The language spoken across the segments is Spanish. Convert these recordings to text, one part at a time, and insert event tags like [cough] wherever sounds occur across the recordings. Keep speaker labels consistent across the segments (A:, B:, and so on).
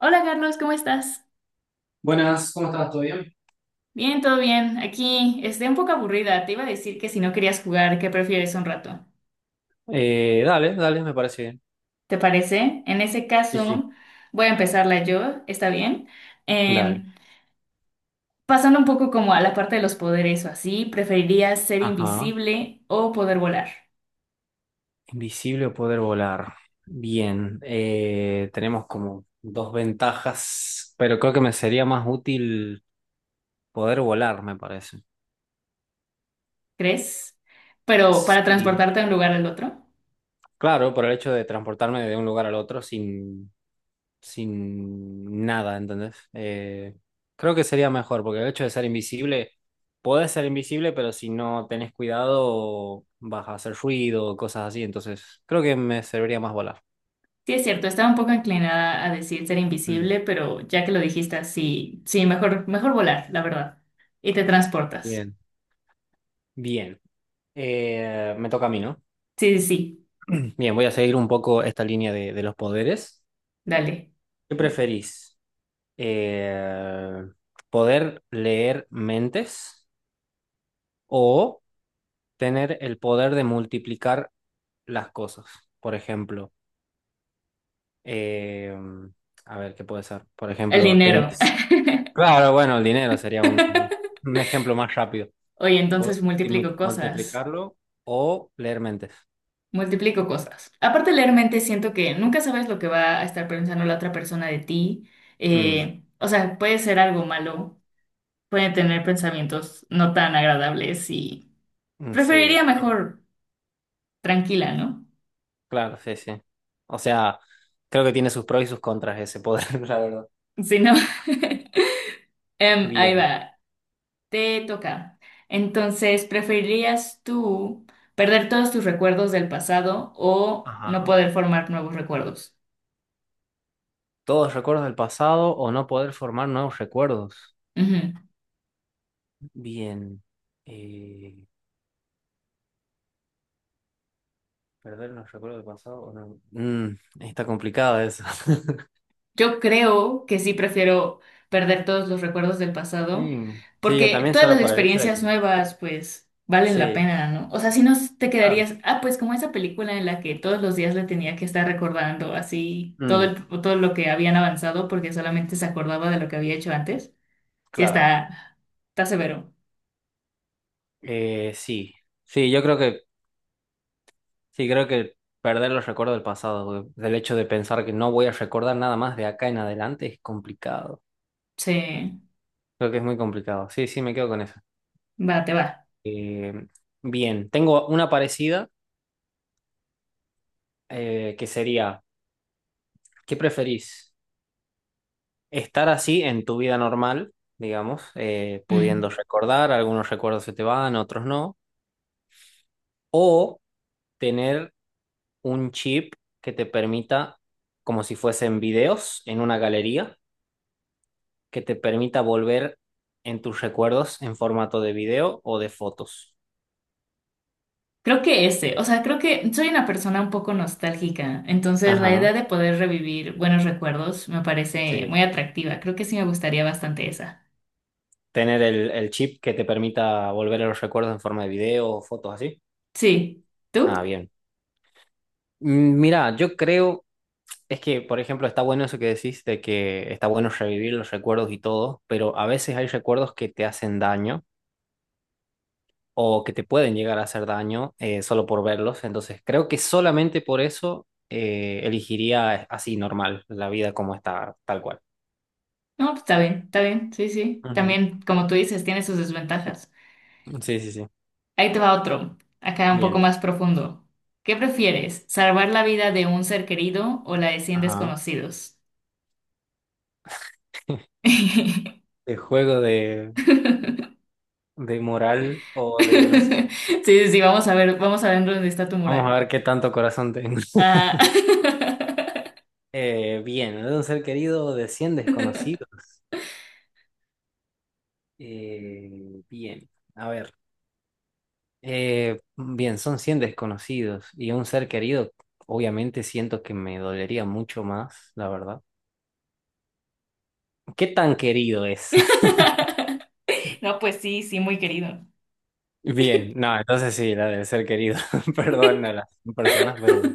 A: Hola Carlos, ¿cómo estás?
B: Buenas, ¿cómo estás? ¿Todo bien?
A: Bien, todo bien. Aquí estoy un poco aburrida. Te iba a decir que si no querías jugar, ¿qué prefieres un rato?
B: Dale, dale, me parece bien.
A: ¿Te parece? En ese
B: Sí, sí.
A: caso, voy a empezarla yo, ¿está bien? Eh,
B: Dale.
A: pasando un poco como a la parte de los poderes o así, ¿preferirías ser
B: Ajá.
A: invisible o poder volar?
B: Invisible o poder volar. Bien. Tenemos como dos ventajas, pero creo que me sería más útil poder volar, me parece.
A: ¿Crees? Pero para
B: Y
A: transportarte de un lugar al otro.
B: claro, por el hecho de transportarme de un lugar al otro sin. Sin nada, ¿entendés? Creo que sería mejor, porque el hecho de ser invisible, podés ser invisible, pero si no tenés cuidado vas a hacer ruido, cosas así, entonces creo que me serviría más volar.
A: Sí, es cierto, estaba un poco inclinada a decir ser
B: Mm.
A: invisible, pero ya que lo dijiste así, sí, mejor, mejor volar, la verdad. Y te transportas.
B: Bien. Bien. Me toca a mí, ¿no?
A: Sí, sí, sí,
B: Bien, voy a seguir un poco esta línea de los poderes.
A: dale.
B: ¿Qué preferís? Eh, ¿Poder leer mentes o tener el poder de multiplicar las cosas? Por ejemplo, Eh, a ver, ¿qué puede ser? Por
A: El
B: ejemplo,
A: dinero.
B: tenéis... Claro, bueno, el dinero sería
A: [laughs]
B: un ejemplo más rápido.
A: Oye,
B: Podés
A: entonces multiplico cosas.
B: multiplicarlo o leer mentes.
A: Multiplico cosas. Aparte, leer mente, siento que nunca sabes lo que va a estar pensando la otra persona de ti.
B: Mm,
A: O sea, puede ser algo malo, puede tener pensamientos no tan agradables y
B: mm, sí,
A: preferiría mejor tranquila, ¿no?
B: claro, sí, sí. O sea, creo que tiene sus pros y sus contras ese poder, [laughs] la verdad.
A: Si no. [laughs] Ahí
B: Bien.
A: va. Te toca. Entonces, ¿preferirías tú perder todos tus recuerdos del pasado o no
B: Ajá.
A: poder formar nuevos recuerdos?
B: Todos recuerdos del pasado o no poder formar nuevos recuerdos.
A: Ujú.
B: Bien. Eh, ¿Perder los recuerdos del pasado o no? Mm, está complicado eso. [laughs]
A: Yo creo que sí prefiero perder todos los recuerdos del pasado
B: Mm, sí, yo...
A: porque todas las experiencias nuevas, pues, valen la
B: Sí.
A: pena, ¿no? O sea, si no te quedarías, ah, pues como esa película en la que todos los días le tenía que estar recordando así
B: Mm,
A: todo lo que habían avanzado porque solamente se acordaba de lo que había hecho antes. Sí,
B: claro.
A: está severo.
B: Sí. Sí, yo creo que, sí, creo que perder los recuerdos del pasado, güey, del hecho de pensar que no voy a recordar nada más de acá en adelante es complicado.
A: Sí.
B: Creo que es muy complicado. Sí, sí, me quedo con eso.
A: Va, te va.
B: Eh, Bien, tengo una parecida que sería, ¿qué preferís? Estar así en tu vida normal, digamos, pudiendo
A: Mm.
B: recordar, algunos recuerdos se te van, otros no, o tener un chip que te permita, como si fuesen videos en una galería, que te permita volver en tus recuerdos en formato de video o de fotos.
A: Creo que ese, o sea, creo que soy una persona un poco nostálgica, entonces la
B: Ajá,
A: idea de poder revivir buenos recuerdos me parece
B: sí.
A: muy atractiva. Creo que sí me gustaría bastante esa.
B: Tener el chip que te permita volver a los recuerdos en forma de video o fotos así.
A: Sí.
B: Ah,
A: ¿Tú?
B: bien. Mm, mira, yo creo, es que, por ejemplo, está bueno eso que decís de que está bueno revivir los recuerdos y todo, pero a veces hay recuerdos que te hacen daño o que te pueden llegar a hacer daño, solo por verlos. Entonces, creo que solamente por eso elegiría así normal, la vida como está, tal cual.
A: No, pues está bien, sí, sí.
B: Ujú.
A: También, como tú dices, tiene sus desventajas.
B: Sí, sí, sí.
A: Ahí te va otro, acá un poco
B: Bien.
A: más profundo. ¿Qué prefieres, salvar la vida de un ser querido o la de 100
B: Ajá.
A: desconocidos? [laughs]
B: De juego de moral o de, no sé.
A: Sí, sí, sí, vamos a ver dónde está tu
B: Vamos a
A: moral.
B: ver qué tanto corazón tengo. [laughs]
A: Ah.
B: Bien, de un ser querido o de 100
A: [laughs]
B: desconocidos. Eh, bien, a ver. Bien, son 100 desconocidos y un ser querido, obviamente siento que me dolería mucho más, la verdad. ¿Qué tan querido es? [laughs]
A: No, pues sí, sí, muy querido.
B: Bien, no, entonces sí, la del ser querido. [laughs] Perdón a las personas,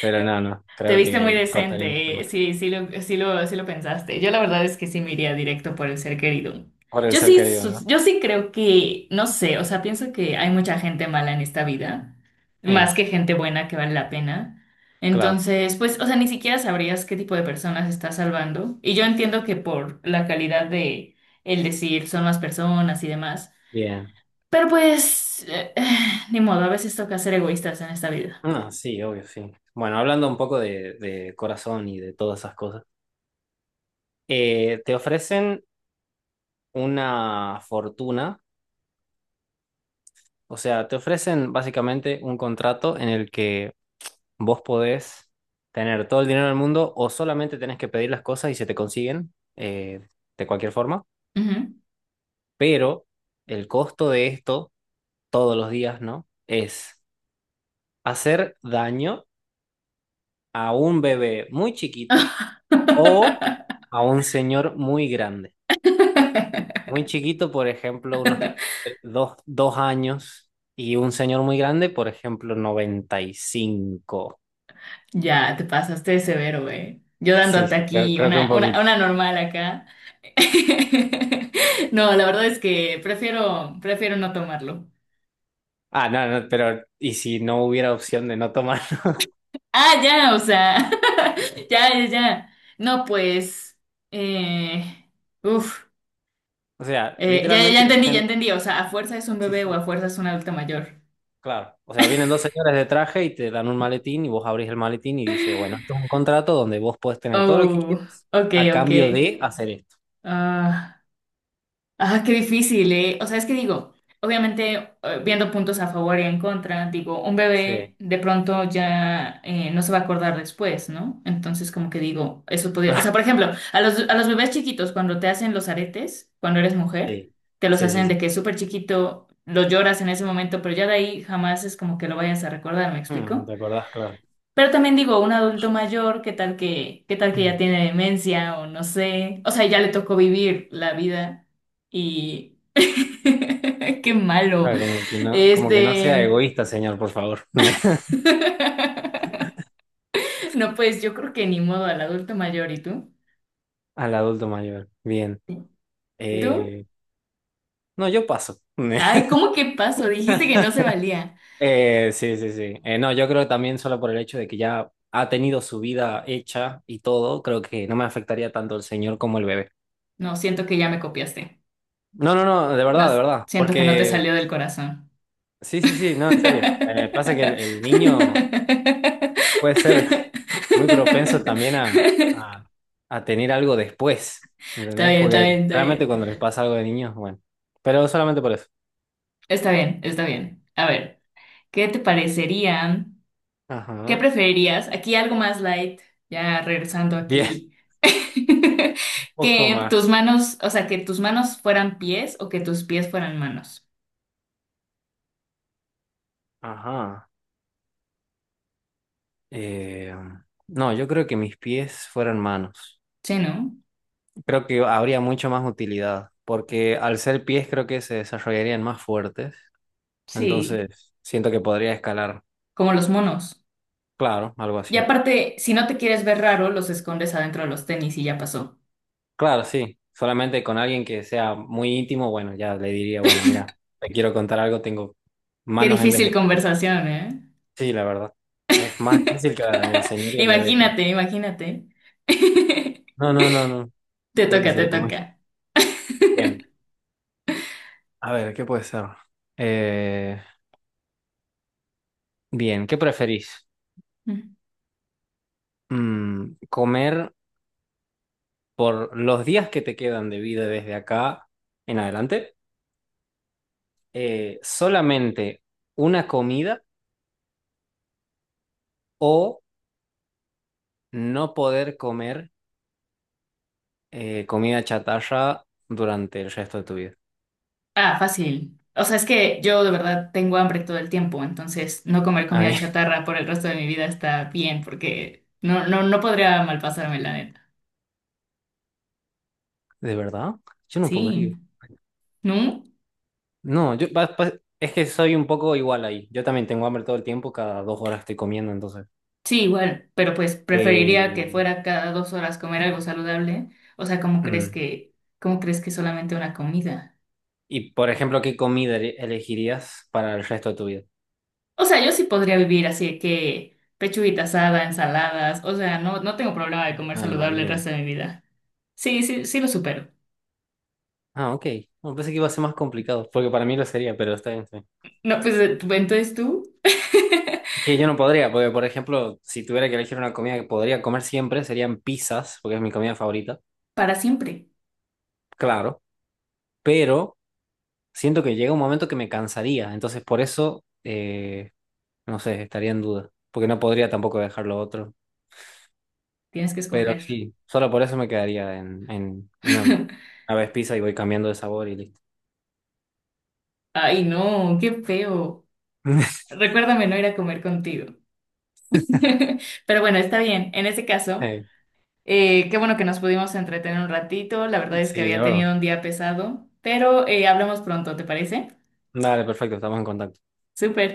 B: pero no, no,
A: Te
B: creo
A: viste muy
B: que costaría mucho
A: decente, ¿eh?
B: más.
A: Sí, sí lo pensaste. Yo la verdad es que sí me iría directo por el ser querido.
B: Por el
A: Yo
B: ser
A: sí,
B: querido,
A: sus-
B: ¿no?
A: yo sí creo que, no sé, o sea, pienso que hay mucha gente mala en esta vida, más
B: Eh,
A: que gente buena que vale la pena.
B: claro,
A: Entonces, pues, o sea, ni siquiera sabrías qué tipo de personas estás salvando. Y yo entiendo que por la calidad de el decir son más personas y demás.
B: bien.
A: Pero pues, ni modo, a veces toca ser egoístas en esta vida.
B: No, sí, obvio, sí. Bueno, hablando un poco de corazón y de todas esas cosas, te ofrecen una fortuna. O sea, te ofrecen básicamente un contrato en el que vos podés tener todo el dinero del mundo o solamente tenés que pedir las cosas y se te consiguen, de cualquier forma.
A: Ujú.
B: Pero el costo de esto todos los días, ¿no? Es hacer daño a un bebé muy chiquito o
A: [laughs]
B: a un señor muy grande. Muy chiquito, por ejemplo, unos dos, 2 años y un señor muy grande, por ejemplo, 95.
A: Ya, te pasaste de severo, güey. Yo
B: Sí,
A: dándote
B: sí, creo,
A: aquí
B: creo que un
A: una, una,
B: poquito.
A: una normal acá. [laughs] No, la verdad es que prefiero no tomarlo.
B: Ah, no, no, pero ¿y si no hubiera opción de no tomar? [laughs]
A: Ah, ya, o sea, [laughs] ya, ya, ya. No, pues, eh, uf,
B: O sea,
A: ya, ya ya
B: literalmente
A: entendí, ya
B: tienen...
A: entendí. O sea, a fuerza es un
B: Sí,
A: bebé o a
B: sí,
A: fuerza es un adulto mayor.
B: claro. O sea, vienen dos señores de traje y te dan un maletín y vos abrís el maletín y dice, bueno, esto es un contrato donde vos podés tener todo lo que
A: Oh,
B: quieras
A: ok,
B: a
A: ok.
B: cambio de hacer esto.
A: Ah, ah, qué difícil, ¿eh? O sea, es que digo, obviamente, viendo puntos a favor y en contra, digo, un
B: Sí,
A: bebé de pronto ya no se va a acordar después, ¿no? Entonces, como que digo, eso
B: [laughs]
A: podría, o
B: claro.
A: sea, por ejemplo, a los bebés chiquitos, cuando te hacen los aretes, cuando eres mujer,
B: Sí,
A: te los
B: sí, sí.
A: hacen de
B: Sí.
A: que es súper chiquito, lo lloras en ese momento, pero ya de ahí jamás es como que lo vayas a recordar, ¿me
B: Mm, ¿no
A: explico?
B: te acordás? Claro.
A: Pero también digo, un adulto mayor, ¿qué tal que ya
B: Mm.
A: tiene demencia o no sé? O sea, ya le tocó vivir la vida y [laughs] qué malo.
B: Claro, como que no sea
A: Este,
B: egoísta, señor, por favor. [laughs]
A: [laughs] no, pues yo creo que ni modo al adulto mayor, ¿y tú?
B: Al adulto mayor. Bien.
A: ¿Y tú?
B: Eh, no, yo paso.
A: Ay,
B: [laughs]
A: ¿cómo que pasó? Dijiste que no se valía.
B: Sí, sí, sí. No, yo creo que también solo por el hecho de que ya ha tenido su vida hecha y todo, creo que no me afectaría tanto el señor como el bebé.
A: No, siento que ya me copiaste.
B: No, no, no, de
A: No,
B: verdad, de verdad.
A: siento que no te
B: Porque,
A: salió del corazón.
B: sí, sí, sí, no, en serio. Pasa que el niño
A: [laughs]
B: puede ser [laughs] muy propenso también a tener algo después,
A: Está
B: ¿entendés?
A: bien, está
B: Porque
A: bien, está
B: realmente
A: bien.
B: cuando les pasa algo de niños, bueno. Pero solamente por eso.
A: Está bien, está bien. A ver, ¿qué te parecerían? ¿Qué
B: Ajá.
A: preferirías? Aquí algo más light, ya regresando
B: Bien, [laughs]
A: aquí. [laughs]
B: un poco
A: Que tus
B: más.
A: manos, o sea, que tus manos fueran pies o que tus pies fueran manos.
B: Ajá. Eh, no, yo creo que mis pies fueran manos.
A: Sí, ¿no?
B: Creo que habría mucho más utilidad, porque al ser pies creo que se desarrollarían más fuertes,
A: Sí,
B: entonces siento que podría escalar,
A: como los monos.
B: claro, algo
A: Y
B: así.
A: aparte, si no te quieres ver raro, los escondes adentro de los tenis y ya pasó.
B: Claro, sí, solamente con alguien que sea muy íntimo, bueno, ya le diría, bueno, mira, te quiero contar algo, tengo
A: Qué
B: manos en vez de
A: difícil
B: pies.
A: conversación, ¿eh?
B: Sí, la verdad, es más difícil que la del señor y el bebé, creo.
A: Imagínate, imagínate. [laughs] Te
B: No, no, no, no, creo que
A: toca, te
B: sería
A: toca.
B: muy [laughs] bien. A ver, ¿qué puede ser? Eh, Bien, ¿qué preferís? Mm, ¿comer por los días que te quedan de vida desde acá en adelante, solamente una comida o no poder comer, comida chatarra durante el resto de tu vida?
A: Ah, fácil. O sea, es que yo de verdad tengo hambre todo el tiempo, entonces no comer
B: A
A: comida
B: mí, [laughs]
A: chatarra por el resto de mi vida está bien, porque no, no, no podría malpasarme, la neta.
B: ¿de verdad? Yo no
A: Sí,
B: podría.
A: ¿no?
B: No, yo es que soy un poco igual ahí. Yo también tengo hambre todo el tiempo, cada 2 horas estoy comiendo, entonces.
A: Sí, igual, pero pues preferiría
B: Eh,
A: que fuera cada 2 horas comer algo saludable. O sea, ¿cómo crees
B: mm.
A: que, cómo crees que solamente una comida?
B: Y, por ejemplo, ¿qué comida elegirías para el resto de tu vida?
A: O sea, yo sí podría vivir así que pechuguita asada, ensaladas, o sea, no, no tengo problema de comer
B: Ah,
A: saludable el
B: bien.
A: resto de mi vida. Sí, sí, sí lo supero.
B: Ah, ok. No, pensé que iba a ser más complicado, porque para mí lo sería, pero está bien, está bien.
A: No, pues entonces tú.
B: Es que yo no podría, porque por ejemplo, si tuviera que elegir una comida que podría comer siempre, serían pizzas, porque es mi comida favorita,
A: Para siempre.
B: claro, pero siento que llega un momento que me cansaría, entonces por eso, no sé, estaría en duda, porque no podría tampoco dejar lo otro,
A: Tienes que
B: pero
A: escoger.
B: sí, solo por eso me quedaría en
A: [laughs]
B: una vez pizza y voy cambiando de sabor y listo.
A: Ay, no, qué feo.
B: [laughs]
A: Recuérdame no ir a comer contigo. [laughs] Pero bueno, está bien. En ese caso,
B: Eh,
A: qué bueno que nos pudimos entretener un ratito. La verdad es que
B: Sí,
A: había
B: la verdad.
A: tenido un día pesado, pero hablamos pronto, ¿te parece?
B: Dale, perfecto, estamos en contacto.
A: Súper.